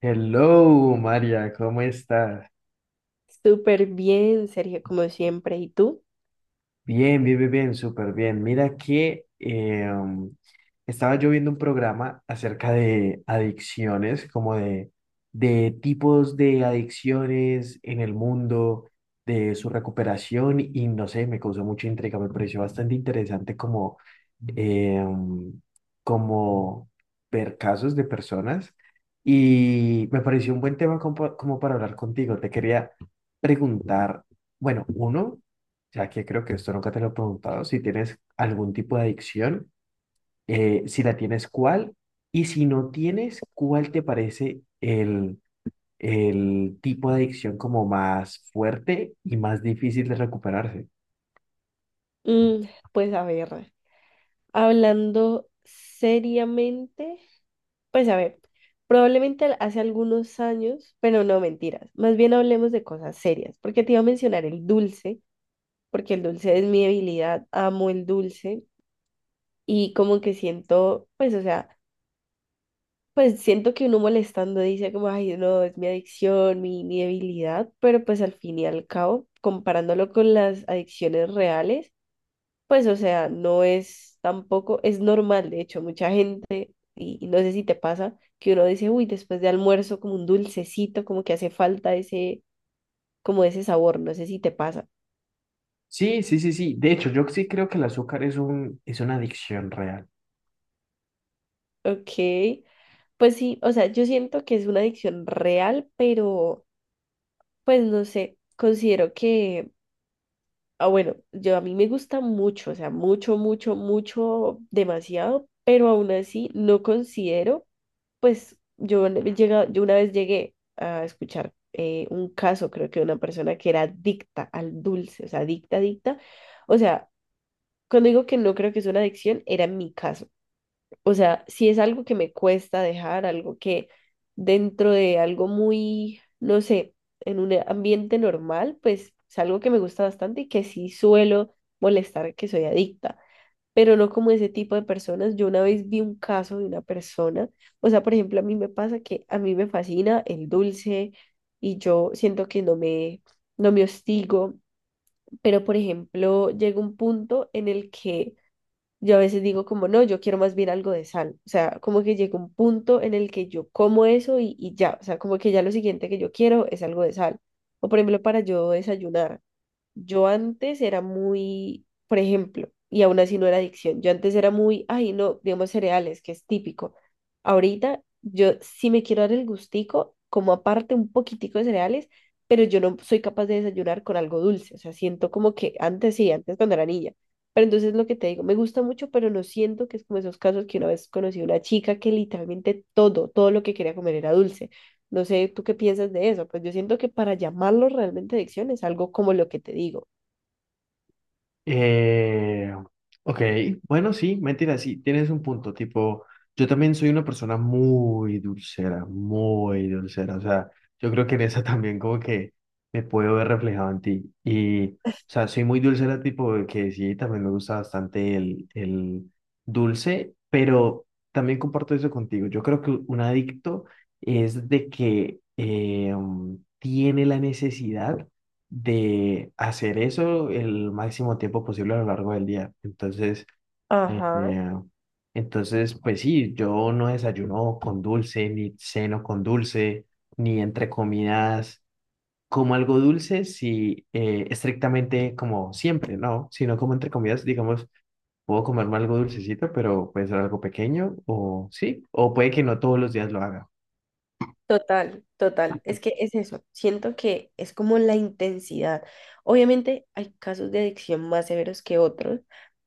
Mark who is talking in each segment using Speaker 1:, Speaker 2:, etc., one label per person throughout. Speaker 1: Hello, María, ¿cómo estás?
Speaker 2: Súper bien, Sergio, como siempre. ¿Y tú?
Speaker 1: Bien, bien, bien, bien, súper bien. Mira que estaba yo viendo un programa acerca de adicciones, como de tipos de adicciones en el mundo, de su recuperación y no sé, me causó mucha intriga, me pareció bastante interesante eh, como ver casos de personas y me pareció un buen tema como, como para hablar contigo. Te quería preguntar, bueno, uno. Ya que creo que esto nunca te lo he preguntado, si tienes algún tipo de adicción, si la tienes, ¿cuál? Y si no tienes, ¿cuál te parece el tipo de adicción como más fuerte y más difícil de recuperarse?
Speaker 2: Mm, pues a ver, hablando seriamente, pues a ver, probablemente hace algunos años, pero no mentiras, más bien hablemos de cosas serias, porque te iba a mencionar el dulce, porque el dulce es mi debilidad, amo el dulce y como que siento, pues o sea, pues siento que uno molestando dice como, ay, no, es mi adicción, mi debilidad, pero pues al fin y al cabo, comparándolo con las adicciones reales, pues, o sea, no es tampoco, es normal, de hecho, mucha gente, y no sé si te pasa, que uno dice, uy, después de almuerzo, como un dulcecito, como que hace falta ese, como ese sabor, no sé si te pasa.
Speaker 1: Sí, sí, sí, sí. De hecho, yo sí creo que el azúcar es es una adicción real.
Speaker 2: Ok, pues sí, o sea, yo siento que es una adicción real, pero, pues no sé, considero que, ah, bueno, yo a mí me gusta mucho, o sea, mucho, mucho, mucho, demasiado, pero aún así no considero. Pues yo, yo una vez llegué a escuchar un caso, creo que de una persona que era adicta al dulce, o sea, adicta, adicta. O sea, cuando digo que no creo que es una adicción, era mi caso. O sea, si es algo que me cuesta dejar, algo que dentro de algo muy, no sé, en un ambiente normal, pues es algo que me gusta bastante y que sí suelo molestar que soy adicta, pero no como ese tipo de personas. Yo una vez vi un caso de una persona, o sea, por ejemplo, a mí me pasa que a mí me fascina el dulce y yo siento que no me, no me hostigo, pero por ejemplo, llega un punto en el que yo a veces digo como, no, yo quiero más bien algo de sal, o sea, como que llega un punto en el que yo como eso y ya, o sea, como que ya lo siguiente que yo quiero es algo de sal. O por ejemplo, para yo desayunar. Yo antes era muy, por ejemplo, y aún así no era adicción, yo antes era muy, ay, no, digamos cereales, que es típico. Ahorita yo sí me quiero dar el gustico, como aparte un poquitico de cereales, pero yo no soy capaz de desayunar con algo dulce, o sea, siento como que antes sí, antes cuando era niña. Pero entonces lo que te digo, me gusta mucho, pero no siento que es como esos casos que una vez conocí a una chica que literalmente todo, todo lo que quería comer era dulce. No sé, ¿tú qué piensas de eso? Pues yo siento que para llamarlo realmente adicción es algo como lo que te digo.
Speaker 1: Eh, ok, bueno, sí, mentira, sí, tienes un punto, tipo, yo también soy una persona muy dulcera, o sea, yo creo que en esa también como que me puedo ver reflejado en ti, y, o sea, soy muy dulcera, tipo, de que sí, también me gusta bastante el dulce, pero también comparto eso contigo, yo creo que un adicto es de que tiene la necesidad de hacer eso el máximo tiempo posible a lo largo del día. Entonces, eh,
Speaker 2: Ajá,
Speaker 1: eh, entonces, pues sí, yo no desayuno con dulce, ni ceno con dulce, ni entre comidas como algo dulce, si estrictamente como siempre, ¿no? Sino como entre comidas, digamos, puedo comerme algo dulcecito, pero puede ser algo pequeño, o sí, o puede que no todos los días lo haga.
Speaker 2: total, total. Es que es eso. Siento que es como la intensidad. Obviamente hay casos de adicción más severos que otros,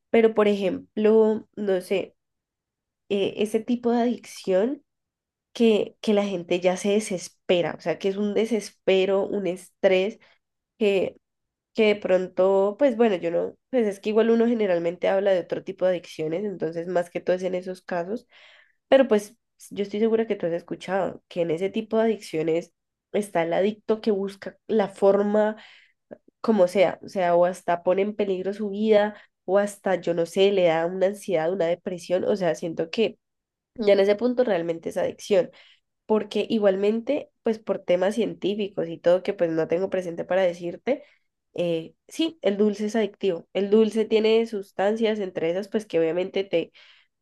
Speaker 2: pero por ejemplo, no sé, ese tipo de adicción que la gente ya se desespera, o sea, que es un desespero, un estrés, que de pronto, pues bueno, yo no, pues es que igual uno generalmente habla de otro tipo de adicciones, entonces más que todo es en esos casos, pero pues yo estoy segura que tú has escuchado que en ese tipo de adicciones está el adicto que busca la forma como sea, o sea, o hasta pone en peligro su vida, o hasta, yo no sé, le da una ansiedad, una depresión, o sea, siento que ya en ese punto realmente es adicción porque igualmente, pues por temas científicos y todo que pues no tengo presente para decirte, sí, el dulce es adictivo. El dulce tiene sustancias, entre esas, pues que obviamente te,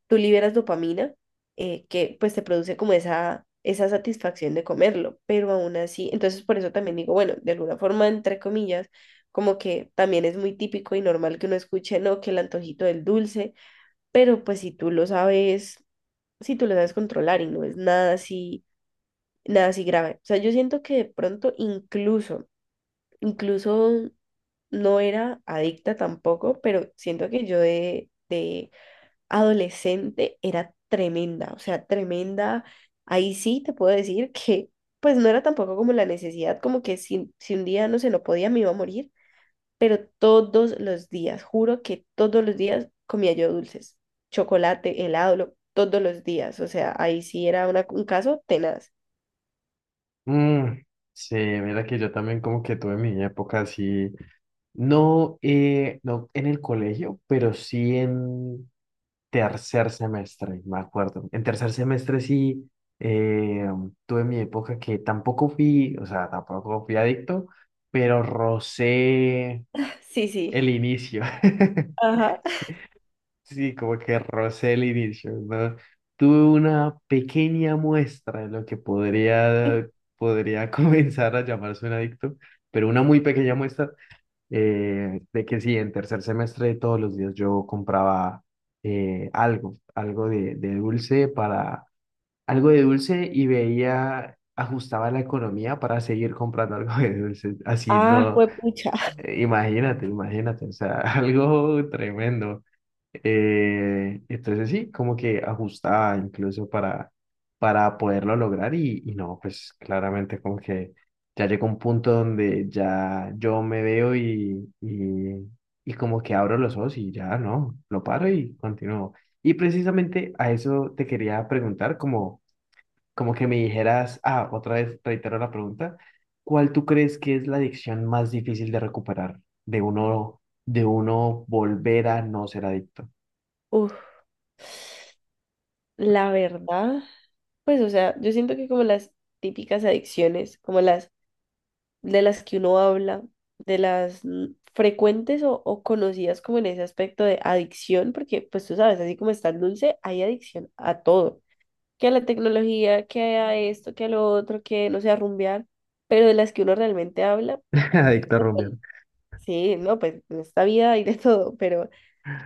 Speaker 2: tú liberas dopamina, que pues te produce como esa satisfacción de comerlo, pero aún así, entonces por eso también digo, bueno, de alguna forma, entre comillas, como que también es muy típico y normal que uno escuche, no, que el antojito del dulce, pero pues si tú lo sabes, si tú lo sabes controlar y no es nada así nada así grave. O sea, yo siento que de pronto incluso, incluso no era adicta tampoco, pero siento que yo de adolescente era tremenda, o sea, tremenda. Ahí sí te puedo decir que pues no era tampoco como la necesidad, como que si, si un día no se no podía me iba a morir, pero todos los días, juro que todos los días comía yo dulces, chocolate, helado, todos los días, o sea, ahí sí era un caso tenaz.
Speaker 1: Mm, sí, mira que yo también como que tuve mi época así. No, no en el colegio, pero sí en tercer semestre, me acuerdo. En tercer semestre sí eh, tuve mi época que tampoco fui, o sea, tampoco fui adicto, pero rocé
Speaker 2: Sí, sí.
Speaker 1: el inicio.
Speaker 2: Ajá.
Speaker 1: Sí, como que rocé el inicio, ¿no? Tuve una pequeña muestra de lo que podría comenzar a llamarse un adicto, pero una muy pequeña muestra de que sí, en tercer semestre todos los días yo compraba algo de dulce para, algo de dulce y veía, ajustaba la economía para seguir comprando algo de dulce, así
Speaker 2: Ah,
Speaker 1: no,
Speaker 2: juepucha.
Speaker 1: imagínate, imagínate, o sea, algo tremendo. Entonces sí, como que ajustaba incluso para poderlo lograr y no, pues claramente como que ya llegó un punto donde ya yo me veo y como que abro los ojos y ya no, lo paro y continúo. Y precisamente a eso te quería preguntar como como que me dijeras, ah, otra vez reitero la pregunta, ¿cuál tú crees que es la adicción más difícil de recuperar? De uno volver a no ser adicto.
Speaker 2: Uf, la verdad, pues, o sea, yo siento que como las típicas adicciones, como las de las que uno habla, de las frecuentes o conocidas como en ese aspecto de adicción, porque pues tú sabes, así como está el dulce, hay adicción a todo, que a la tecnología, que a esto, que a lo otro, que no sé, a rumbear, pero de las que uno realmente habla,
Speaker 1: Adicto a rumbear.
Speaker 2: pues, sí, no, pues en esta vida hay de todo,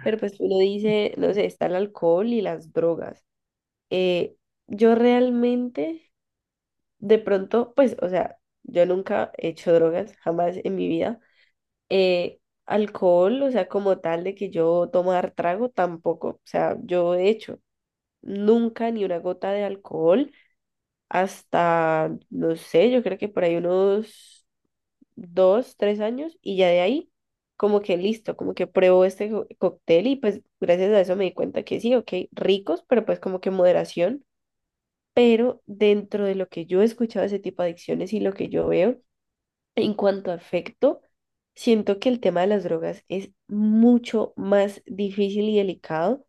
Speaker 2: pero pues uno dice, no sé, está el alcohol y las drogas. eh, yo realmente, de pronto, pues, o sea, yo nunca he hecho drogas, jamás en mi vida. Eh, Alcohol, o sea, como tal de que yo tomar trago, tampoco. O sea, yo he hecho nunca ni una gota de alcohol hasta, no sé, yo creo que por ahí unos dos, tres años y ya de ahí. Como que listo, como que pruebo este cóctel y pues gracias a eso me di cuenta que sí, ok, ricos, pero pues como que moderación, pero dentro de lo que yo he escuchado de ese tipo de adicciones y lo que yo veo en cuanto a afecto, siento que el tema de las drogas es mucho más difícil y delicado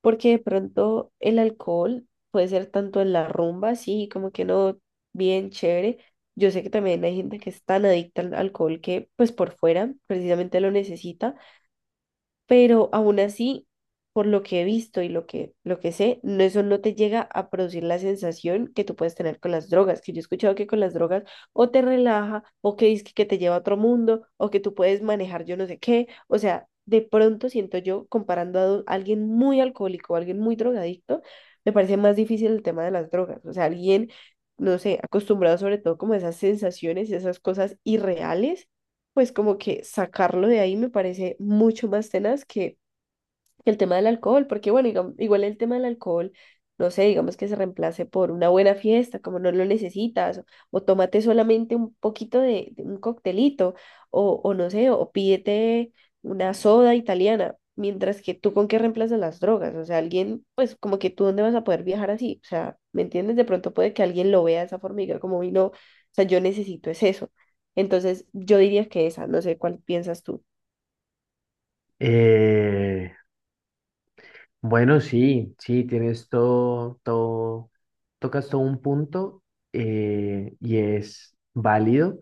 Speaker 2: porque de pronto el alcohol puede ser tanto en la rumba, sí, como que no, bien chévere. Yo sé que también hay gente que es tan adicta al alcohol que pues por fuera precisamente lo necesita, pero aún así, por lo que he visto y lo que sé, no, eso no te llega a producir la sensación que tú puedes tener con las drogas, que yo he escuchado que con las drogas o te relaja, o que dice que te lleva a otro mundo, o que tú puedes manejar yo no sé qué, o sea, de pronto siento yo, comparando a alguien muy alcohólico o alguien muy drogadicto, me parece más difícil el tema de las drogas, o sea, alguien, no sé, acostumbrado sobre todo como a esas sensaciones, esas cosas irreales, pues como que sacarlo de ahí me parece mucho más tenaz que el tema del alcohol, porque bueno, igual el tema del alcohol, no sé, digamos que se reemplace por una buena fiesta, como no lo necesitas, o tómate solamente un poquito de un coctelito, o no sé, o pídete una soda italiana, mientras que tú con qué reemplazas las drogas, o sea, alguien, pues como que tú dónde vas a poder viajar así, o sea, ¿me entiendes? De pronto puede que alguien lo vea de esa forma y diga como, "Uy, no, o sea, yo necesito es eso". Entonces, yo diría que esa, no sé cuál piensas tú.
Speaker 1: Eh, bueno, sí, sí, tienes todo, todo, tocas todo un punto y es válido.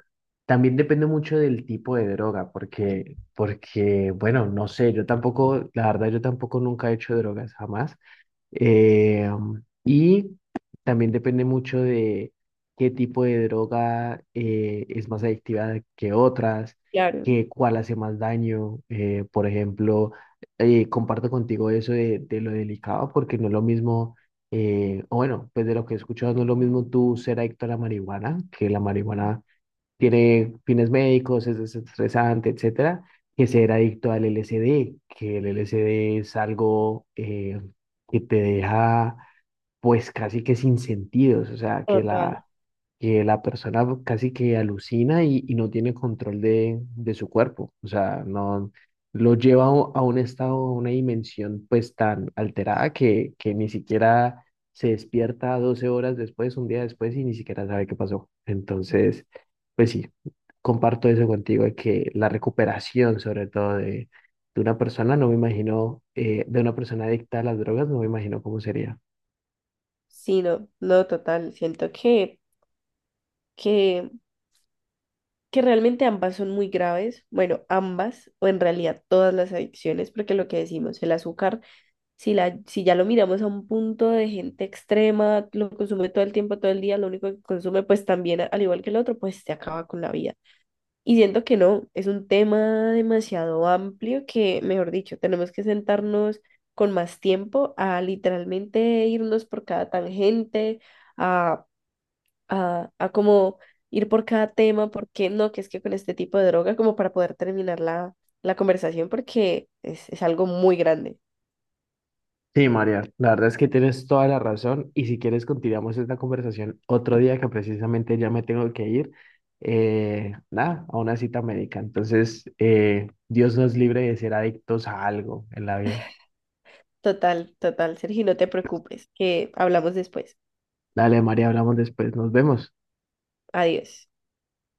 Speaker 1: También depende mucho del tipo de droga, bueno, no sé, yo tampoco, la verdad, yo tampoco nunca he hecho drogas, jamás. Eh, y también depende mucho de qué tipo de droga es más adictiva que otras,
Speaker 2: Claro,
Speaker 1: que cuál hace más daño. Por ejemplo, comparto contigo eso de lo delicado, porque no es lo mismo, o bueno, pues de lo que he escuchado, no es lo mismo tú ser adicto a la marihuana, que la marihuana tiene fines médicos, es desestresante, etcétera, que ser adicto al LSD, que el LSD es algo que te deja pues casi que sin sentidos, o sea,
Speaker 2: total.
Speaker 1: que la persona casi que alucina y no tiene control de su cuerpo, o sea, no lo lleva a un estado, a una dimensión pues tan alterada que ni siquiera se despierta 12 horas después, un día después y ni siquiera sabe qué pasó. Entonces, pues sí, comparto eso contigo, de que la recuperación, sobre todo de una persona, no me imagino, de una persona adicta a las drogas, no me imagino cómo sería.
Speaker 2: Sí, no, no, total. Siento que, que realmente ambas son muy graves. Bueno, ambas, o en realidad todas las adicciones, porque lo que decimos, el azúcar, si, la, si ya lo miramos a un punto de gente extrema, lo consume todo el tiempo, todo el día, lo único que consume, pues también, al igual que el otro, pues se acaba con la vida. Y siento que no, es un tema demasiado amplio que, mejor dicho, tenemos que sentarnos con más tiempo a literalmente irnos por cada tangente a a como ir por cada tema, porque no, que es que con este tipo de droga, como para poder terminar la, la conversación, porque es algo muy grande.
Speaker 1: Sí, María, la verdad es que tienes toda la razón y si quieres continuamos esta conversación otro día que precisamente ya me tengo que ir, nada, a una cita médica. Entonces, Dios nos libre de ser adictos a algo en la vida.
Speaker 2: Total, total, Sergio, no te preocupes, que hablamos después.
Speaker 1: Dale, María, hablamos después, nos vemos.
Speaker 2: Adiós.